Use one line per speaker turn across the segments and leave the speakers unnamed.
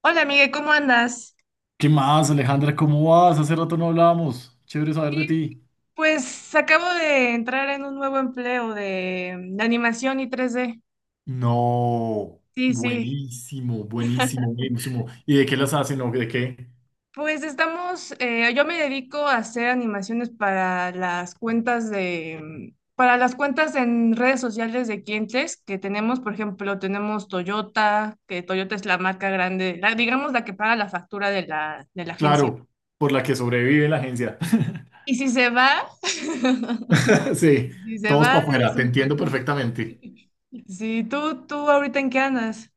Hola, Miguel, ¿cómo andas?
¿Qué más, Alejandra? ¿Cómo vas? Hace rato no hablábamos. Chévere saber de
Y
ti.
pues acabo de entrar en un nuevo empleo de animación y 3D.
No,
Sí, sí.
buenísimo, buenísimo, buenísimo. ¿Y de qué las hacen o de qué?
Pues estamos, yo me dedico a hacer animaciones para las cuentas para las cuentas en redes sociales de clientes que tenemos. Por ejemplo, tenemos Toyota, que Toyota es la marca grande, digamos la que paga la factura de la agencia.
Claro, por la que sobrevive la agencia.
Y
Sí,
si se
todos
va,
para afuera,
es
te
un
entiendo
problema.
perfectamente.
Sí, ¿tú ahorita en qué andas?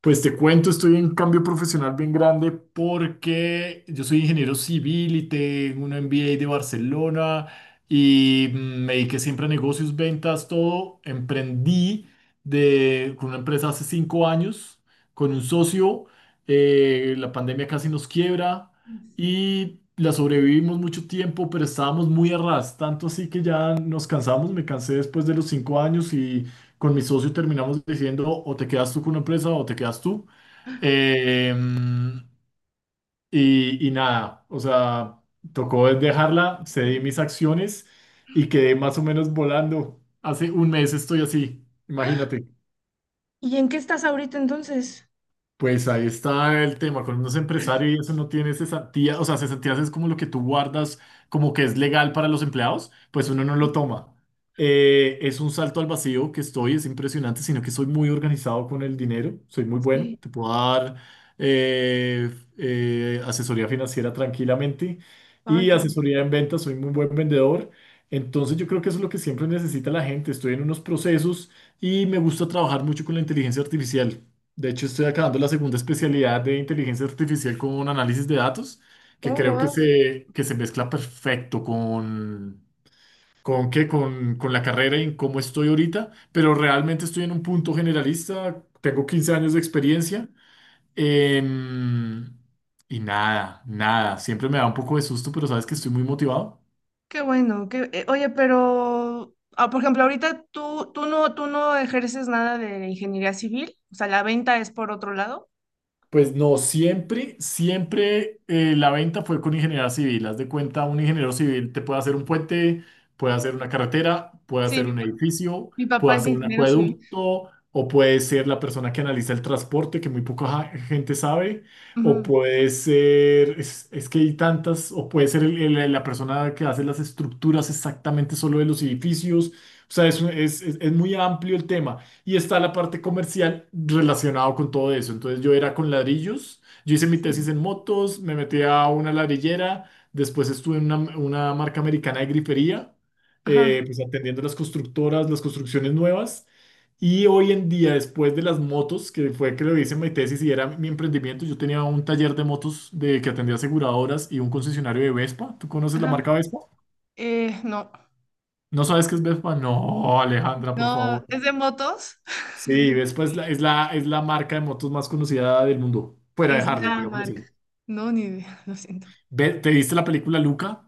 Pues te cuento, estoy en cambio profesional bien grande porque yo soy ingeniero civil y tengo un MBA de Barcelona y me dediqué siempre a negocios, ventas, todo. Emprendí de, con una empresa hace 5 años, con un socio. La pandemia casi nos quiebra y la sobrevivimos mucho tiempo, pero estábamos muy a ras, tanto así que ya nos cansamos. Me cansé después de los 5 años y con mi socio terminamos diciendo o te quedas tú con una empresa o te quedas tú. Eh, y nada, o sea, tocó dejarla, cedí mis acciones y quedé más o menos volando. Hace un mes estoy así, imagínate.
¿Y en qué estás ahorita entonces?
Pues ahí está el tema, cuando uno es empresario y eso no tiene cesantías, o sea, cesantías es como lo que tú guardas, como que es legal para los empleados, pues uno no lo toma. Es un salto al vacío que estoy, es impresionante, sino que soy muy organizado con el dinero, soy muy bueno,
Sí.
te puedo dar eh, asesoría financiera tranquilamente
Ay,
y
qué...
asesoría en ventas, soy muy buen vendedor, entonces yo creo que eso es lo que siempre necesita la gente, estoy en unos procesos y me gusta trabajar mucho con la inteligencia artificial. De hecho, estoy acabando la segunda especialidad de inteligencia artificial con análisis de datos, que
Oh,
creo
wow.
que se mezcla perfecto con, qué, con la carrera y en cómo estoy ahorita, pero realmente estoy en un punto generalista, tengo 15 años de experiencia em, y nada, nada, siempre me da un poco de susto, pero sabes que estoy muy motivado.
Qué bueno. Oye, pero, ah, por ejemplo, ahorita tú no ejerces nada de ingeniería civil, o sea, la venta es por otro lado.
Pues no, siempre, siempre la venta fue con ingeniería civil. Haz de cuenta, un ingeniero civil te puede hacer un puente, puede hacer una carretera, puede
Sí,
hacer
mi,
un
pa-
edificio,
mi papá
puede
es
hacer un
ingeniero civil.
acueducto, o puede ser la persona que analiza el transporte, que muy poca gente sabe, o
Ujú,
puede ser, es que hay tantas, o puede ser la persona que hace las estructuras exactamente solo de los edificios. O sea, es, es es muy amplio el tema. Y está la parte comercial relacionado con todo eso. Entonces yo era con ladrillos, yo hice mi
sí.
tesis en motos, me metí a una ladrillera, después estuve en una marca americana de grifería,
Ajá,
pues atendiendo las constructoras, las construcciones nuevas. Y hoy en día, después de las motos, que fue que lo hice en mi tesis y era mi emprendimiento, yo tenía un taller de motos de, que atendía aseguradoras y un concesionario de Vespa. ¿Tú conoces la
ajá.
marca Vespa?
No,
¿No sabes qué es Vespa? No, Alejandra, por
no,
favor.
es de motos.
Sí, después es la marca de motos más conocida del mundo, fuera de
Es
Harley,
la
digámoslo
marca.
así.
No, ni idea, lo siento.
¿Te viste la película Luca?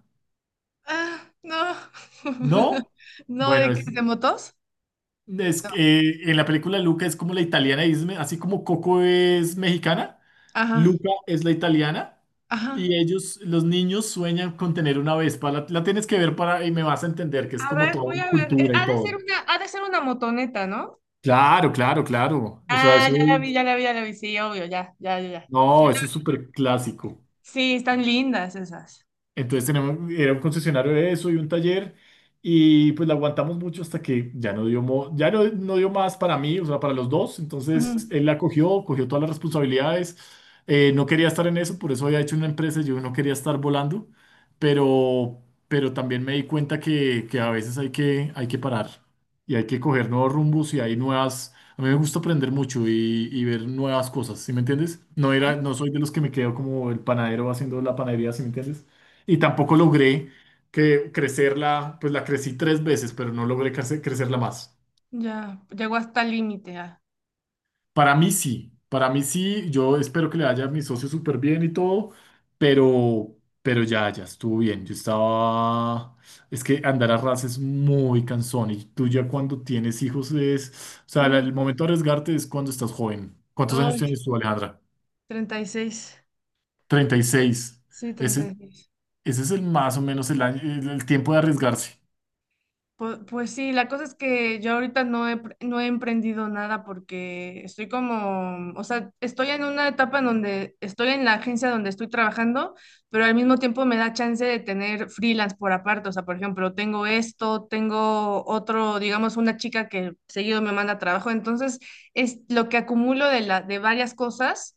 Ah, no.
¿No?
No,
Bueno,
¿de qué? ¿De motos?
es
No.
que, en la película Luca es como la italiana, y es así como Coco es mexicana,
Ajá,
Luca es la italiana
ajá.
y ellos, los niños sueñan con tener una Vespa. La tienes que ver para y me vas a entender que es
A
como
ver,
toda
voy
una
a ver.
cultura y
Ha de ser
todo.
una motoneta, ¿no?
Claro, claro, claro. Eso,
Ah,
eso,
ya la vi,
es-
ya la vi, ya la vi. Sí, obvio, ya, ya, ya, ya.
no, eso es súper clásico.
Sí, están lindas esas.
Entonces tenemos, era un concesionario de eso y un taller y pues la aguantamos mucho hasta que ya no dio, ya no, no dio más para mí, o sea, para los dos. Entonces
Ujú.
él la cogió, cogió todas las responsabilidades. No quería estar en eso, por eso había hecho una empresa, yo no quería estar volando, pero, pero también me di cuenta que a veces hay que parar y hay que coger nuevos rumbos y hay nuevas. A mí me gusta aprender mucho y ver nuevas cosas, ¿sí me entiendes? No era, no soy de los que me quedo como el panadero haciendo la panadería, ¿sí me entiendes? Y tampoco logré que crecerla, pues la crecí 3 veces, pero no logré crecerla más.
Ya, llegó hasta el límite. Ah.
Para mí sí, yo espero que le vaya a mi socio súper bien y todo, pero, pero ya, ya estuvo bien. Yo estaba, es que andar a ras es muy cansón y tú ya cuando tienes hijos es, o sea,
Uf,
el momento de arriesgarte es cuando estás joven. ¿Cuántos años
ay,
tienes tú, Alejandra?
36.
36.
Sí, treinta
Ese,
y seis
ese es el más o menos el tiempo de arriesgarse.
Pues, sí, la cosa es que yo ahorita no he emprendido nada porque o sea, estoy en una etapa en donde estoy en la agencia donde estoy trabajando, pero al mismo tiempo me da chance de tener freelance por aparte. O sea, por ejemplo, tengo esto, tengo otro, digamos, una chica que seguido me manda trabajo. Entonces, es lo que acumulo de varias cosas,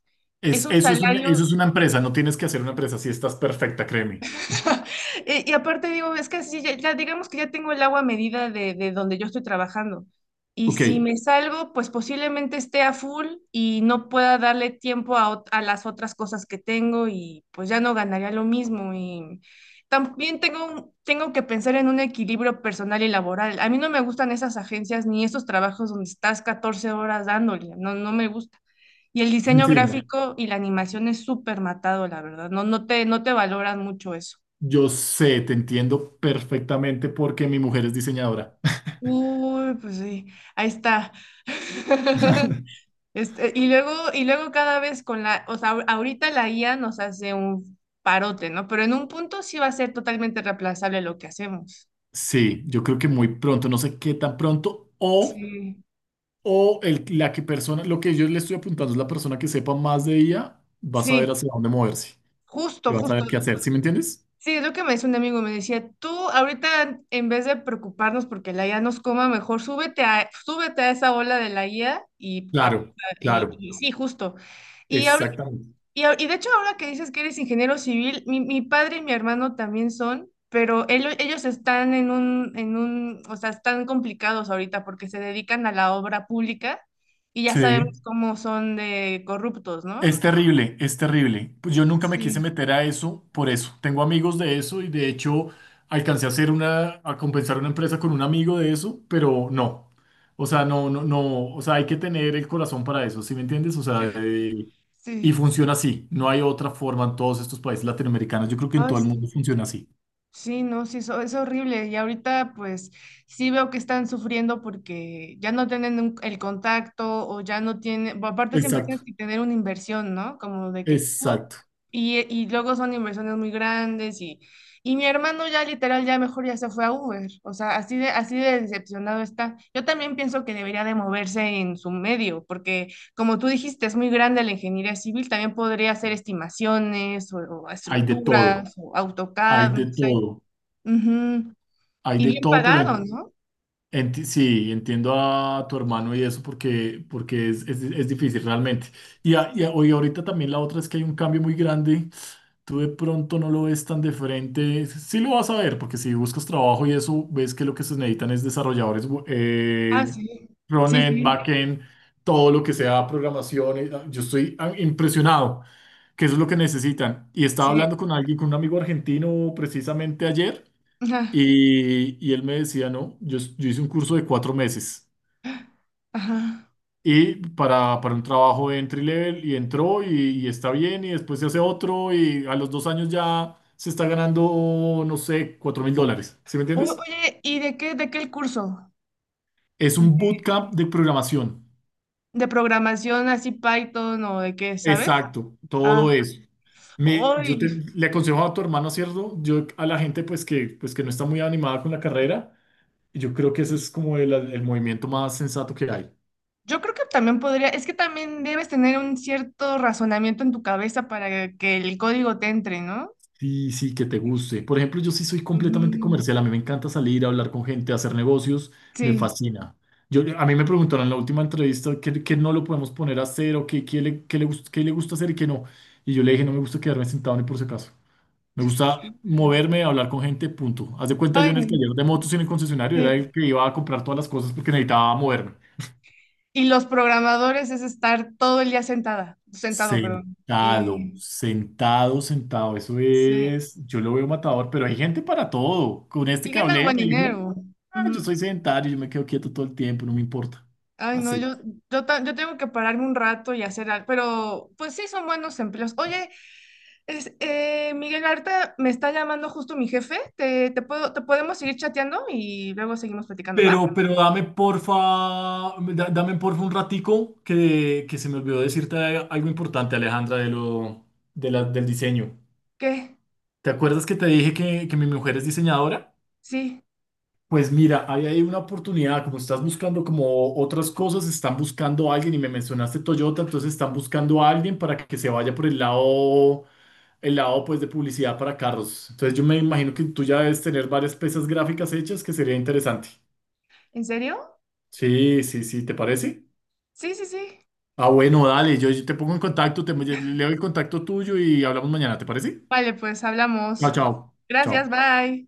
es
Es,
un
eso es
salario.
eso es una empresa, no tienes que hacer una empresa si estás perfecta, créeme.
Y aparte digo, es que así ya, ya digamos que ya tengo el agua a medida de donde yo estoy trabajando. Y
Ok.
si me salgo, pues posiblemente esté a full y no pueda darle tiempo a las otras cosas que tengo y pues ya no ganaría lo mismo. Y también tengo que pensar en un equilibrio personal y laboral. A mí no me gustan esas agencias ni esos trabajos donde estás 14 horas dándole, no, no me gusta. Y el diseño
Sí, no.
gráfico y la animación es súper matado, la verdad. No, no te valoran mucho eso.
Yo sé, te entiendo perfectamente porque mi mujer es diseñadora.
Uy, pues sí, ahí está. Y luego, cada vez o sea, ahorita la IA nos hace un parote, ¿no? Pero en un punto sí va a ser totalmente reemplazable lo que hacemos.
Sí, yo creo que muy pronto, no sé qué tan pronto,
Sí,
o el, la que persona, lo que yo le estoy apuntando es la persona que sepa más de ella, va a saber
sí,
hacia dónde moverse y
justo,
va a
justo.
saber qué hacer, ¿sí me entiendes?
Sí, es lo que me decía un amigo, me decía, tú ahorita en vez de preocuparnos porque la IA nos coma, mejor súbete a esa ola de la IA y, pa-
Claro,
y,
claro,
y sí, justo. Y ahorita.
exactamente.
Y de hecho, ahora que dices que eres ingeniero civil, mi padre y mi hermano también son, pero ellos están o sea, están complicados ahorita porque se dedican a la obra pública y ya sabemos
Sí,
cómo son de corruptos, ¿no?
es terrible, es terrible. Pues yo nunca me quise
Sí,
meter a eso por eso. Tengo amigos de eso y de hecho alcancé a hacer una, a compensar una empresa con un amigo de eso, pero no. O sea, no, no, no, o sea, hay que tener el corazón para eso, ¿sí me entiendes? O sea,
sí.
y funciona así. No hay otra forma en todos estos países latinoamericanos. Yo creo que en
Ay,
todo el
sí.
mundo funciona así.
Sí, no, sí, eso es horrible. Y ahorita pues sí veo que están sufriendo porque ya no tienen el contacto o ya no tienen, bueno, aparte siempre tienes
Exacto,
que tener una inversión, ¿no? Como de que tú.
exacto.
Y luego son inversiones muy grandes y mi hermano ya literal ya mejor ya se fue a Uber. O sea, así de decepcionado está. Yo también pienso que debería de moverse en su medio porque como tú dijiste, es muy grande la ingeniería civil. También podría hacer estimaciones o
Hay de todo,
estructuras o
hay
AutoCAD, no
de
sé.
todo,
Ujú.
hay
Y
de
bien
todo, pero
pagado,
en
¿no?
Sí, entiendo a tu hermano y eso porque, porque es, es difícil realmente. Y, y y ahorita también la otra es que hay un cambio muy grande. Tú de pronto no lo ves tan de frente. Sí lo vas a ver, porque si buscas trabajo y eso, ves que lo que se necesitan es desarrolladores
Ah, sí, sí,
frontend,
sí,
backend, todo lo que sea programación. Yo estoy impresionado que eso es lo que necesitan. Y estaba
sí.
hablando con alguien, con un amigo argentino precisamente ayer.
Ajá.
Y él me decía, no, yo hice un curso de 4 meses
Ajá.
y para un trabajo de entry level y entró y está bien y después se hace otro y a los 2 años ya se está ganando, no sé, $4.000. ¿Sí me
O-
entiendes?
Oye, ¿y de qué el curso?
Es un
¿De,
bootcamp de programación.
de programación así Python o de qué, sabes?
Exacto,
Ah,
todo eso. Me, yo te,
hoy,
le aconsejo a tu hermano, ¿cierto? Yo a la gente pues que no está muy animada con la carrera, yo creo que ese es como el movimiento más sensato que hay.
yo creo que también podría, es que también debes tener un cierto razonamiento en tu cabeza para que el código te entre, ¿no?
Sí, sí, que te guste. Por ejemplo, yo sí soy completamente
Ujú.
comercial. A mí me encanta salir, hablar con gente, hacer negocios. Me
Sí.
fascina. Yo, a mí me preguntaron en la última entrevista qué, qué no lo podemos poner a hacer o qué, qué le, qué le, qué le gusta hacer y qué no. Y yo le dije, no me gusta quedarme sentado ni por si acaso. Me gusta moverme, hablar con gente, punto. Haz de cuenta,
Ay,
yo en
no.
el taller de motos y en el concesionario era
Sí.
el que iba a comprar todas las cosas porque necesitaba moverme.
Y los programadores es estar todo el día sentada, sentado, perdón.
Sentado,
Y-
sentado, sentado. Eso
sí.
es, yo lo veo matador, pero hay gente para todo. Con este
Y
que
ganan
hablé
buen
me dijo,
dinero.
"Ah, yo
Ujú.
soy sedentario, yo me quedo quieto todo el tiempo, no me importa".
Ay, no,
Así.
yo tengo que pararme un rato y hacer algo, pero pues sí son buenos empleos. Oye, Miguel, ahorita me está llamando justo mi jefe. ¿Te podemos seguir chateando y luego seguimos platicando? ¿Va?
Pero dame porfa, dame porfa un ratico que se me olvidó decirte algo importante, Alejandra, de lo, del diseño.
¿Qué?
¿Te acuerdas que te dije que mi mujer es diseñadora?
Sí.
Pues mira, ahí hay una oportunidad, como estás buscando como otras cosas, están buscando a alguien y me mencionaste Toyota, entonces están buscando a alguien para que se vaya por el lado pues de publicidad para carros. Entonces yo me imagino que tú ya debes tener varias piezas gráficas hechas que sería interesante.
¿En serio?
Sí, sí, sí, ¿te parece?
Sí, sí, sí.
Ah, bueno, dale, yo te pongo en contacto, te leo el contacto tuyo y hablamos mañana, ¿te parece?
Vale, pues
Chao,
hablamos.
chao, chao.
Gracias, bye.